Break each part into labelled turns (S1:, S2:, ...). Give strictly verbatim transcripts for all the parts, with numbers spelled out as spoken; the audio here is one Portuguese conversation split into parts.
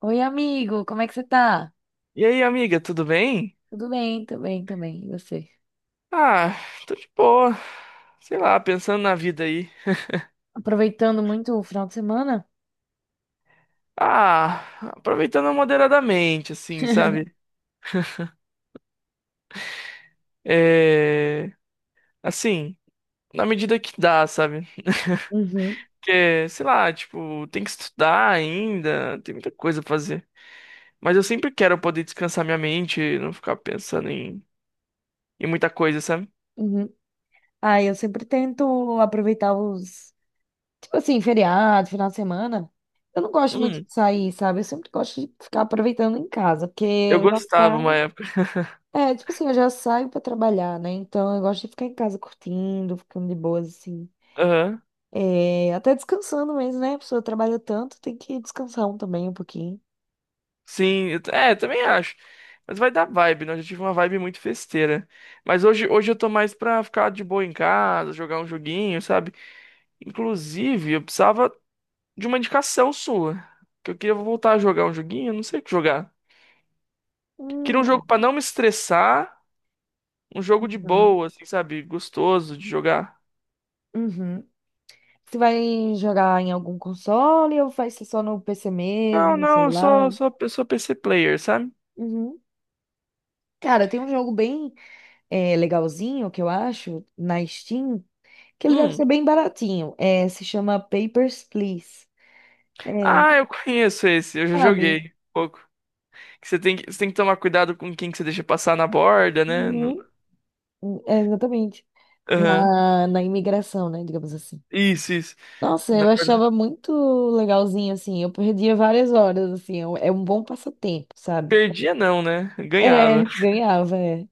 S1: Oi, amigo, como é que você tá?
S2: E aí, amiga, tudo bem?
S1: Tudo bem, tudo bem também. E você?
S2: Ah, tô de boa. Sei lá, pensando na vida aí.
S1: Aproveitando muito o final de semana?
S2: Ah, aproveitando moderadamente, assim, sabe? É. Assim, na medida que dá, sabe?
S1: Uhum,
S2: Porque, sei lá, tipo, tem que estudar ainda, tem muita coisa pra fazer. Mas eu sempre quero poder descansar minha mente, não ficar pensando em, em muita coisa, sabe?
S1: uhum. Ah, eu sempre tento aproveitar os, tipo assim, feriado, final de semana. Eu não gosto muito
S2: Hum,
S1: de sair, sabe? Eu sempre gosto de ficar aproveitando em casa, porque
S2: eu
S1: eu já
S2: gostava uma
S1: saio.
S2: época.
S1: É, tipo assim, eu já saio pra trabalhar, né? Então eu gosto de ficar em casa curtindo, ficando de boas, assim.
S2: Aham.
S1: É, até descansando mesmo, né? A pessoa trabalha tanto, tem que descansar um também um pouquinho.
S2: Sim, eu t- é, também acho. Mas vai dar vibe, né? Eu já tive uma vibe muito festeira. Mas hoje, hoje eu tô mais pra ficar de boa em casa, jogar um joguinho, sabe? Inclusive, eu precisava de uma indicação sua. Que eu queria voltar a jogar um joguinho, eu não sei o que jogar. Queria um jogo pra não me estressar, um jogo de
S1: Uhum.
S2: boa, assim, sabe? Gostoso de jogar.
S1: Uhum. Você vai jogar em algum console ou vai ser só no P C mesmo,
S2: Não,
S1: no
S2: não, eu sou,
S1: celular?
S2: sou, eu sou P C player, sabe?
S1: Uhum. Cara, tem um jogo bem é, legalzinho que eu acho na Steam, que ele deve
S2: Hum.
S1: ser bem baratinho. É, se chama Papers, Please. É,
S2: Ah, eu conheço esse, eu já
S1: sabe?
S2: joguei um pouco que Você tem que, você tem que tomar cuidado com quem que você deixa passar na borda, né?
S1: Uhum. É, exatamente.
S2: Aham.
S1: Na, na imigração, né? Digamos assim.
S2: Isso, isso.
S1: Nossa,
S2: Na
S1: eu
S2: verdade,
S1: achava muito legalzinho, assim. Eu perdia várias horas, assim. É um é um bom passatempo, sabe?
S2: perdia não, né?
S1: É,
S2: Ganhava.
S1: ganhava, é.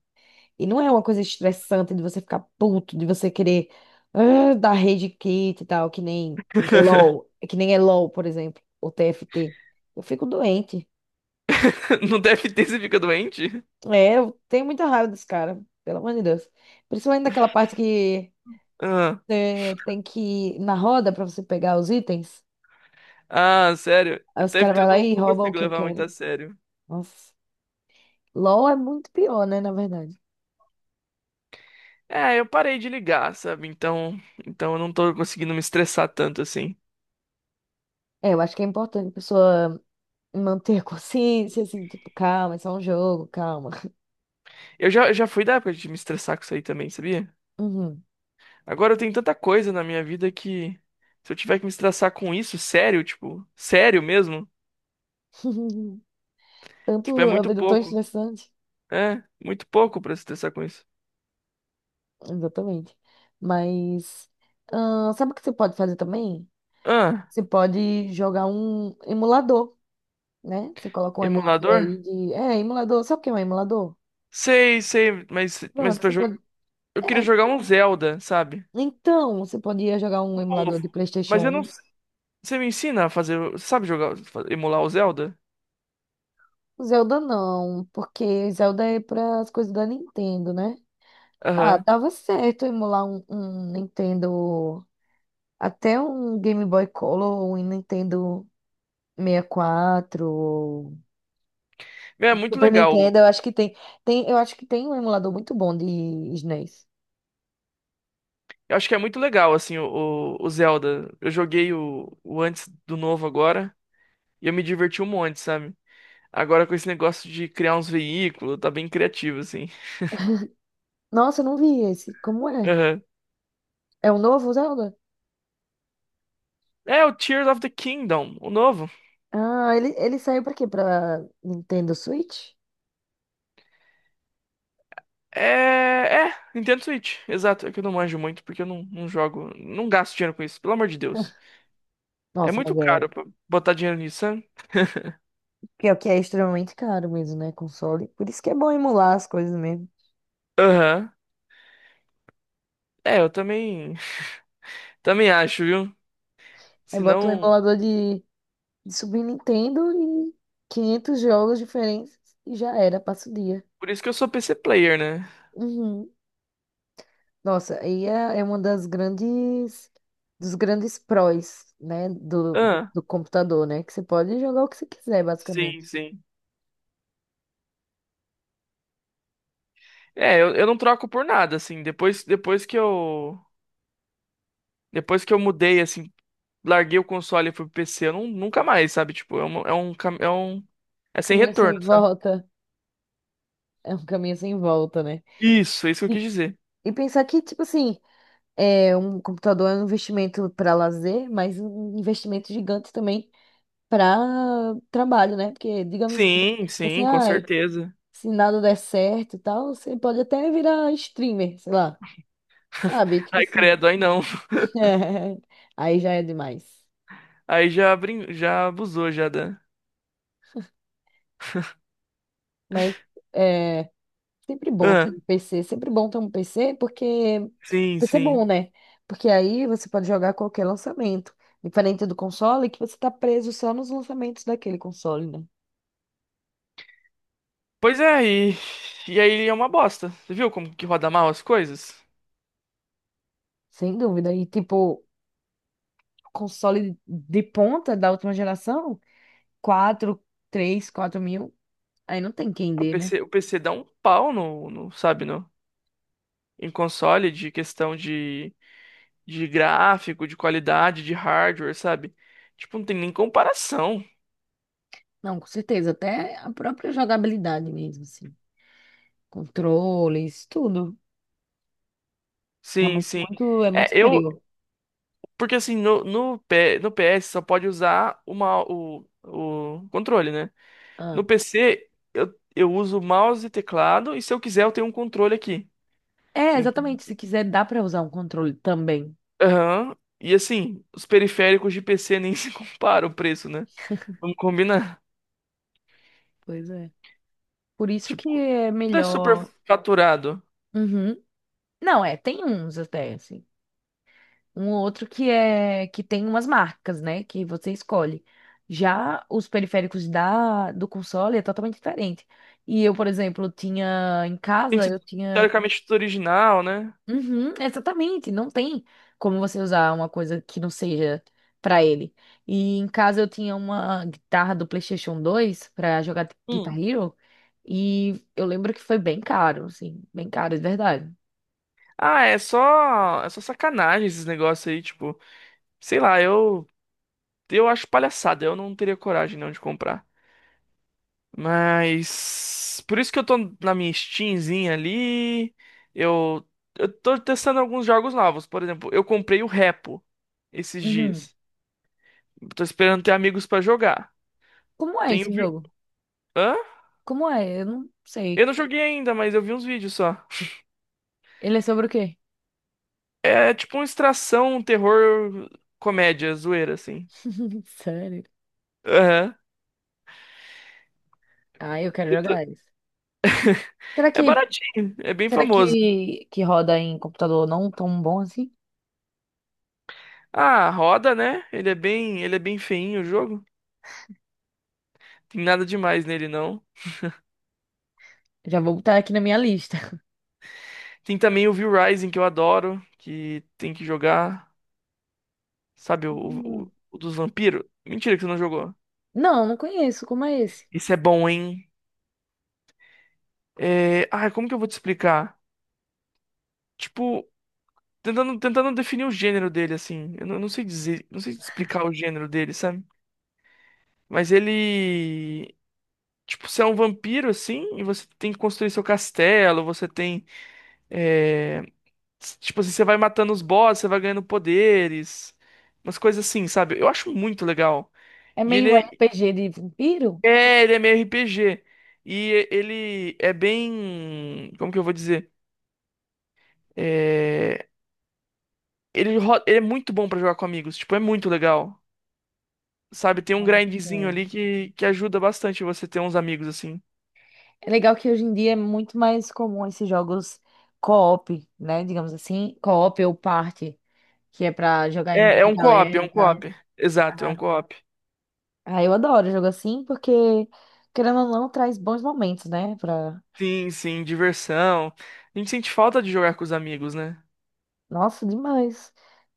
S1: E não é uma coisa estressante de você ficar puto, de você querer ah, dar rage quit e tal, que nem é LOL, que nem é LOL, por exemplo, ou T F T. Eu fico doente.
S2: Não deve ter, você fica doente?
S1: É, eu tenho muita raiva desse cara, pelo amor de Deus. Principalmente daquela parte que
S2: Ah,
S1: é, tem que ir na roda pra você pegar os itens.
S2: ah, sério.
S1: Aí os
S2: Deve
S1: caras
S2: ter,
S1: vão
S2: eu
S1: lá
S2: não,
S1: e
S2: não
S1: roubam o
S2: consigo
S1: que eu
S2: levar muito a
S1: quero.
S2: sério.
S1: Nossa. LOL é muito pior, né, na verdade.
S2: É, eu parei de ligar, sabe? Então, então eu não tô conseguindo me estressar tanto assim.
S1: É, eu acho que é importante a pessoa manter a consciência, assim, tipo, calma, é só um jogo, calma.
S2: Eu já, eu já fui da época de me estressar com isso aí também, sabia?
S1: Uhum.
S2: Agora eu tenho tanta coisa na minha vida que se eu tiver que me estressar com isso, sério, tipo, sério mesmo, tipo, é
S1: Tanto a
S2: muito
S1: vida é tão
S2: pouco.
S1: estressante.
S2: É, muito pouco pra se estressar com isso.
S1: Exatamente. Mas ah, sabe o que você pode fazer também?
S2: Ah,
S1: Você pode jogar um emulador, né? Você coloca um emulador aí
S2: emulador?
S1: de. É, emulador. Sabe o que é um emulador?
S2: Sei, sei, mas, mas
S1: Pronto,
S2: pra
S1: você
S2: jo-
S1: pode.
S2: eu
S1: É,
S2: queria jogar um Zelda, sabe?
S1: então, você podia jogar um emulador
S2: Novo.
S1: de
S2: Mas
S1: PlayStation
S2: eu não.
S1: um.
S2: s- Você me ensina a fazer. Você sabe jogar, fa- emular o Zelda?
S1: Zelda não, porque Zelda é para as coisas da Nintendo, né? Ah,
S2: Aham.
S1: tava certo emular um, um Nintendo. Até um Game Boy Color, um Nintendo. sessenta e quatro, ou
S2: Meu, é muito
S1: Super Nintendo,
S2: legal.
S1: eu acho que tem, tem, eu acho que tem um emulador muito bom de S N E S.
S2: Eu acho que é muito legal, assim, o, o o Zelda. Eu joguei o, o antes do novo agora e eu me diverti um monte, sabe? Agora com esse negócio de criar uns veículos, tá bem criativo, assim.
S1: Nossa, eu não vi esse. Como é?
S2: Aham.
S1: É um novo Zelda?
S2: É o Tears of the Kingdom, o novo.
S1: Ah, ele, ele saiu pra quê? Pra Nintendo Switch?
S2: É, é, Nintendo Switch, exato. É que eu não manjo muito porque eu não, não jogo, não gasto dinheiro com isso, pelo amor de Deus. É
S1: Nossa,
S2: muito
S1: mas é.
S2: caro pra botar dinheiro nisso, sabe?
S1: Pior que é extremamente caro mesmo, né? Console. Por isso que é bom emular as coisas mesmo.
S2: Aham. É, eu também, também acho, viu?
S1: Aí bota um
S2: Senão,
S1: emulador de, de Super Nintendo e quinhentos jogos diferentes e já era, passa o dia.
S2: por isso que eu sou P C player, né?
S1: Uhum. Nossa, aí é, é uma das grandes, dos grandes prós, né, do,
S2: Ah,
S1: do computador, né, que você pode jogar o que você quiser,
S2: sim,
S1: basicamente.
S2: sim. É, eu, eu não troco por nada, assim. Depois, depois que eu, depois que eu mudei, assim, larguei o console e fui pro P C, eu não, nunca mais, sabe? Tipo, é um, é um, cam- é um, é sem
S1: Caminho sem
S2: retorno, sabe?
S1: volta, é um caminho sem volta, né?
S2: Isso, é isso que eu quis
S1: E,
S2: dizer.
S1: e pensar que, tipo assim, é, um computador é um investimento para lazer, mas um investimento gigante também para trabalho, né? Porque, digamos,
S2: Sim,
S1: tipo assim,
S2: sim, com
S1: ai,
S2: certeza.
S1: se nada der certo e tal, você pode até virar streamer, sei lá, sabe? Tipo
S2: Ai,
S1: assim.
S2: credo, aí não.
S1: É, aí já é demais.
S2: Aí já, brin... já abusou, já da.
S1: Mas é sempre bom ter
S2: Ah,
S1: um P C, sempre bom ter um P C, porque
S2: sim,
S1: P C é
S2: sim.
S1: bom, né? Porque aí você pode jogar qualquer lançamento. Diferente do console, que você tá preso só nos lançamentos daquele console, né?
S2: Pois é, e... e aí é uma bosta. Você viu como que roda mal as coisas?
S1: Sem dúvida. E tipo, console de ponta da última geração, quatro três quatro mil, aí não tem quem dê,
S2: O
S1: né?
S2: PC, o P C dá um pau no, no, sabe, no, em console de questão de, de gráfico, de qualidade, de hardware, sabe? Tipo, não tem nem comparação.
S1: Não, com certeza. Até a própria jogabilidade mesmo, assim. Controles, tudo. É
S2: Sim,
S1: muito,
S2: sim.
S1: muito, é
S2: É,
S1: muito
S2: eu,
S1: superior.
S2: porque assim, no, no, P, no P S só pode usar uma, o, o controle, né? No
S1: Ah.
S2: P C, eu, eu uso mouse e teclado, e se eu quiser, eu tenho um controle aqui.
S1: É,
S2: Então,
S1: exatamente. Se quiser, dá pra usar um controle também.
S2: aham. E assim, os periféricos de P C nem se compara o preço, né? Vamos combinar.
S1: Pois é. Por isso que
S2: Tipo,
S1: é
S2: tudo é super
S1: melhor.
S2: faturado.
S1: Uhum. Não, é, tem uns até, assim. Um ou outro que é que tem umas marcas, né? Que você escolhe. Já os periféricos da do console é totalmente diferente. E eu, por exemplo, tinha em
S2: Tem que
S1: casa,
S2: ser
S1: eu tinha.
S2: teoricamente tudo original, né?
S1: Uhum, exatamente, não tem como você usar uma coisa que não seja pra ele. E em casa eu tinha uma guitarra do PlayStation dois pra jogar Guitar
S2: Hum.
S1: Hero e eu lembro que foi bem caro, assim, bem caro de verdade.
S2: Ah, é só, é só sacanagem esses negócios aí, tipo, sei lá, eu eu acho palhaçada, eu não teria coragem não de comprar. Mas por isso que eu tô na minha Steamzinha ali. Eu, eu tô testando alguns jogos novos. Por exemplo, eu comprei o Repo esses
S1: Uhum.
S2: dias. Tô esperando ter amigos pra jogar.
S1: Como é esse
S2: Tenho vi...
S1: jogo?
S2: Hã?
S1: Como é? Eu não
S2: Eu
S1: sei.
S2: não joguei ainda, mas eu vi uns vídeos só.
S1: Ele é sobre o quê?
S2: É tipo uma extração, um terror, comédia, zoeira, assim.
S1: Sério?
S2: Aham.
S1: Ah, eu quero
S2: Eu tô-
S1: jogar isso. Será
S2: É
S1: que
S2: baratinho, é bem
S1: será
S2: famoso.
S1: que que roda em computador não tão bom assim?
S2: Ah, roda, né? Ele é bem, ele é bem feinho o jogo. Tem nada demais nele, não.
S1: Já vou botar aqui na minha lista.
S2: Tem também o Will Rising, que eu adoro, que tem que jogar, sabe, o,
S1: Hum.
S2: o- o dos vampiros. Mentira que você não jogou.
S1: Não, não conheço. Como é
S2: Isso é bom, hein? É... Ai, como que eu vou te explicar? Tipo, tentando, tentando definir o gênero dele, assim. Eu não, não sei dizer, não sei explicar o gênero dele, sabe? Mas ele... Tipo, você é um vampiro, assim, e você tem que construir seu castelo, você tem... é, s- Tipo assim, você vai matando os bosses, você vai ganhando poderes, umas coisas assim, sabe? Eu acho muito legal.
S1: É
S2: E
S1: meio
S2: ele, é
S1: R P G de vampiro?
S2: É, ele é meio R P G. E ele é bem. Como que eu vou dizer? É, Ele, ro- ele é muito bom pra jogar com amigos. Tipo, é muito legal. Sabe? Tem um grindzinho
S1: Nossa.
S2: ali que, que ajuda bastante você ter uns amigos assim.
S1: É legal que hoje em dia é muito mais comum esses jogos co-op, né? Digamos assim, co-op ou party, que é pra jogar em
S2: É, é um co-op, é
S1: galera
S2: um
S1: e tal.
S2: co-op. Exato, é
S1: Ah,
S2: um co-op.
S1: ah, eu adoro jogo assim porque, querendo ou não, traz bons momentos, né?
S2: Sim, sim, diversão. A gente sente falta de jogar com os amigos, né?
S1: Nossa, demais.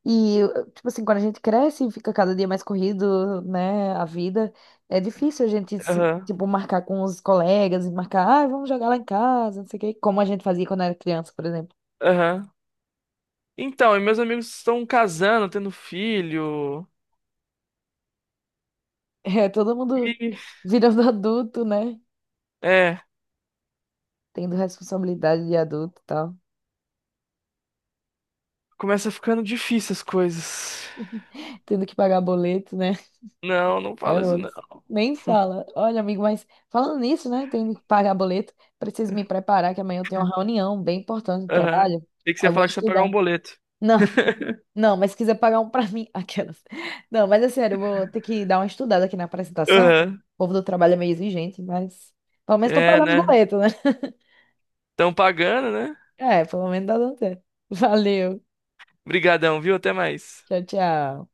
S1: E, tipo assim, quando a gente cresce e fica cada dia mais corrido, né, a vida, é difícil a gente, se,
S2: Aham,
S1: tipo, marcar com os colegas e marcar, ah, vamos jogar lá em casa, não sei o quê, como a gente fazia quando era criança, por exemplo.
S2: aham. Então, e meus amigos estão casando, tendo filho.
S1: É, todo mundo
S2: E.
S1: virando adulto, né,
S2: É,
S1: tendo responsabilidade de adulto e tal,
S2: começa ficando difícil as coisas.
S1: tendo que pagar boleto, né,
S2: Não, não
S1: é
S2: fala isso não.
S1: outro. Nem fala. Olha, amigo, mas falando nisso, né, tendo que pagar boleto, preciso me preparar que amanhã eu tenho uma reunião bem importante de
S2: Aham.
S1: trabalho,
S2: Tem que você
S1: aí
S2: ia
S1: eu vou
S2: falar que você ia pagar um
S1: estudar.
S2: boleto.
S1: Não. Não, mas se quiser pagar um pra mim, aquelas. Não, mas é sério, eu vou ter que dar uma estudada aqui na apresentação. O
S2: Aham.
S1: povo do trabalho é meio exigente, mas pelo menos tô
S2: É,
S1: pagando os
S2: né?
S1: boletos, né?
S2: Estão pagando, né?
S1: É, pelo menos tá dando certo. Valeu.
S2: Brigadão, viu? Até mais.
S1: Tchau, tchau.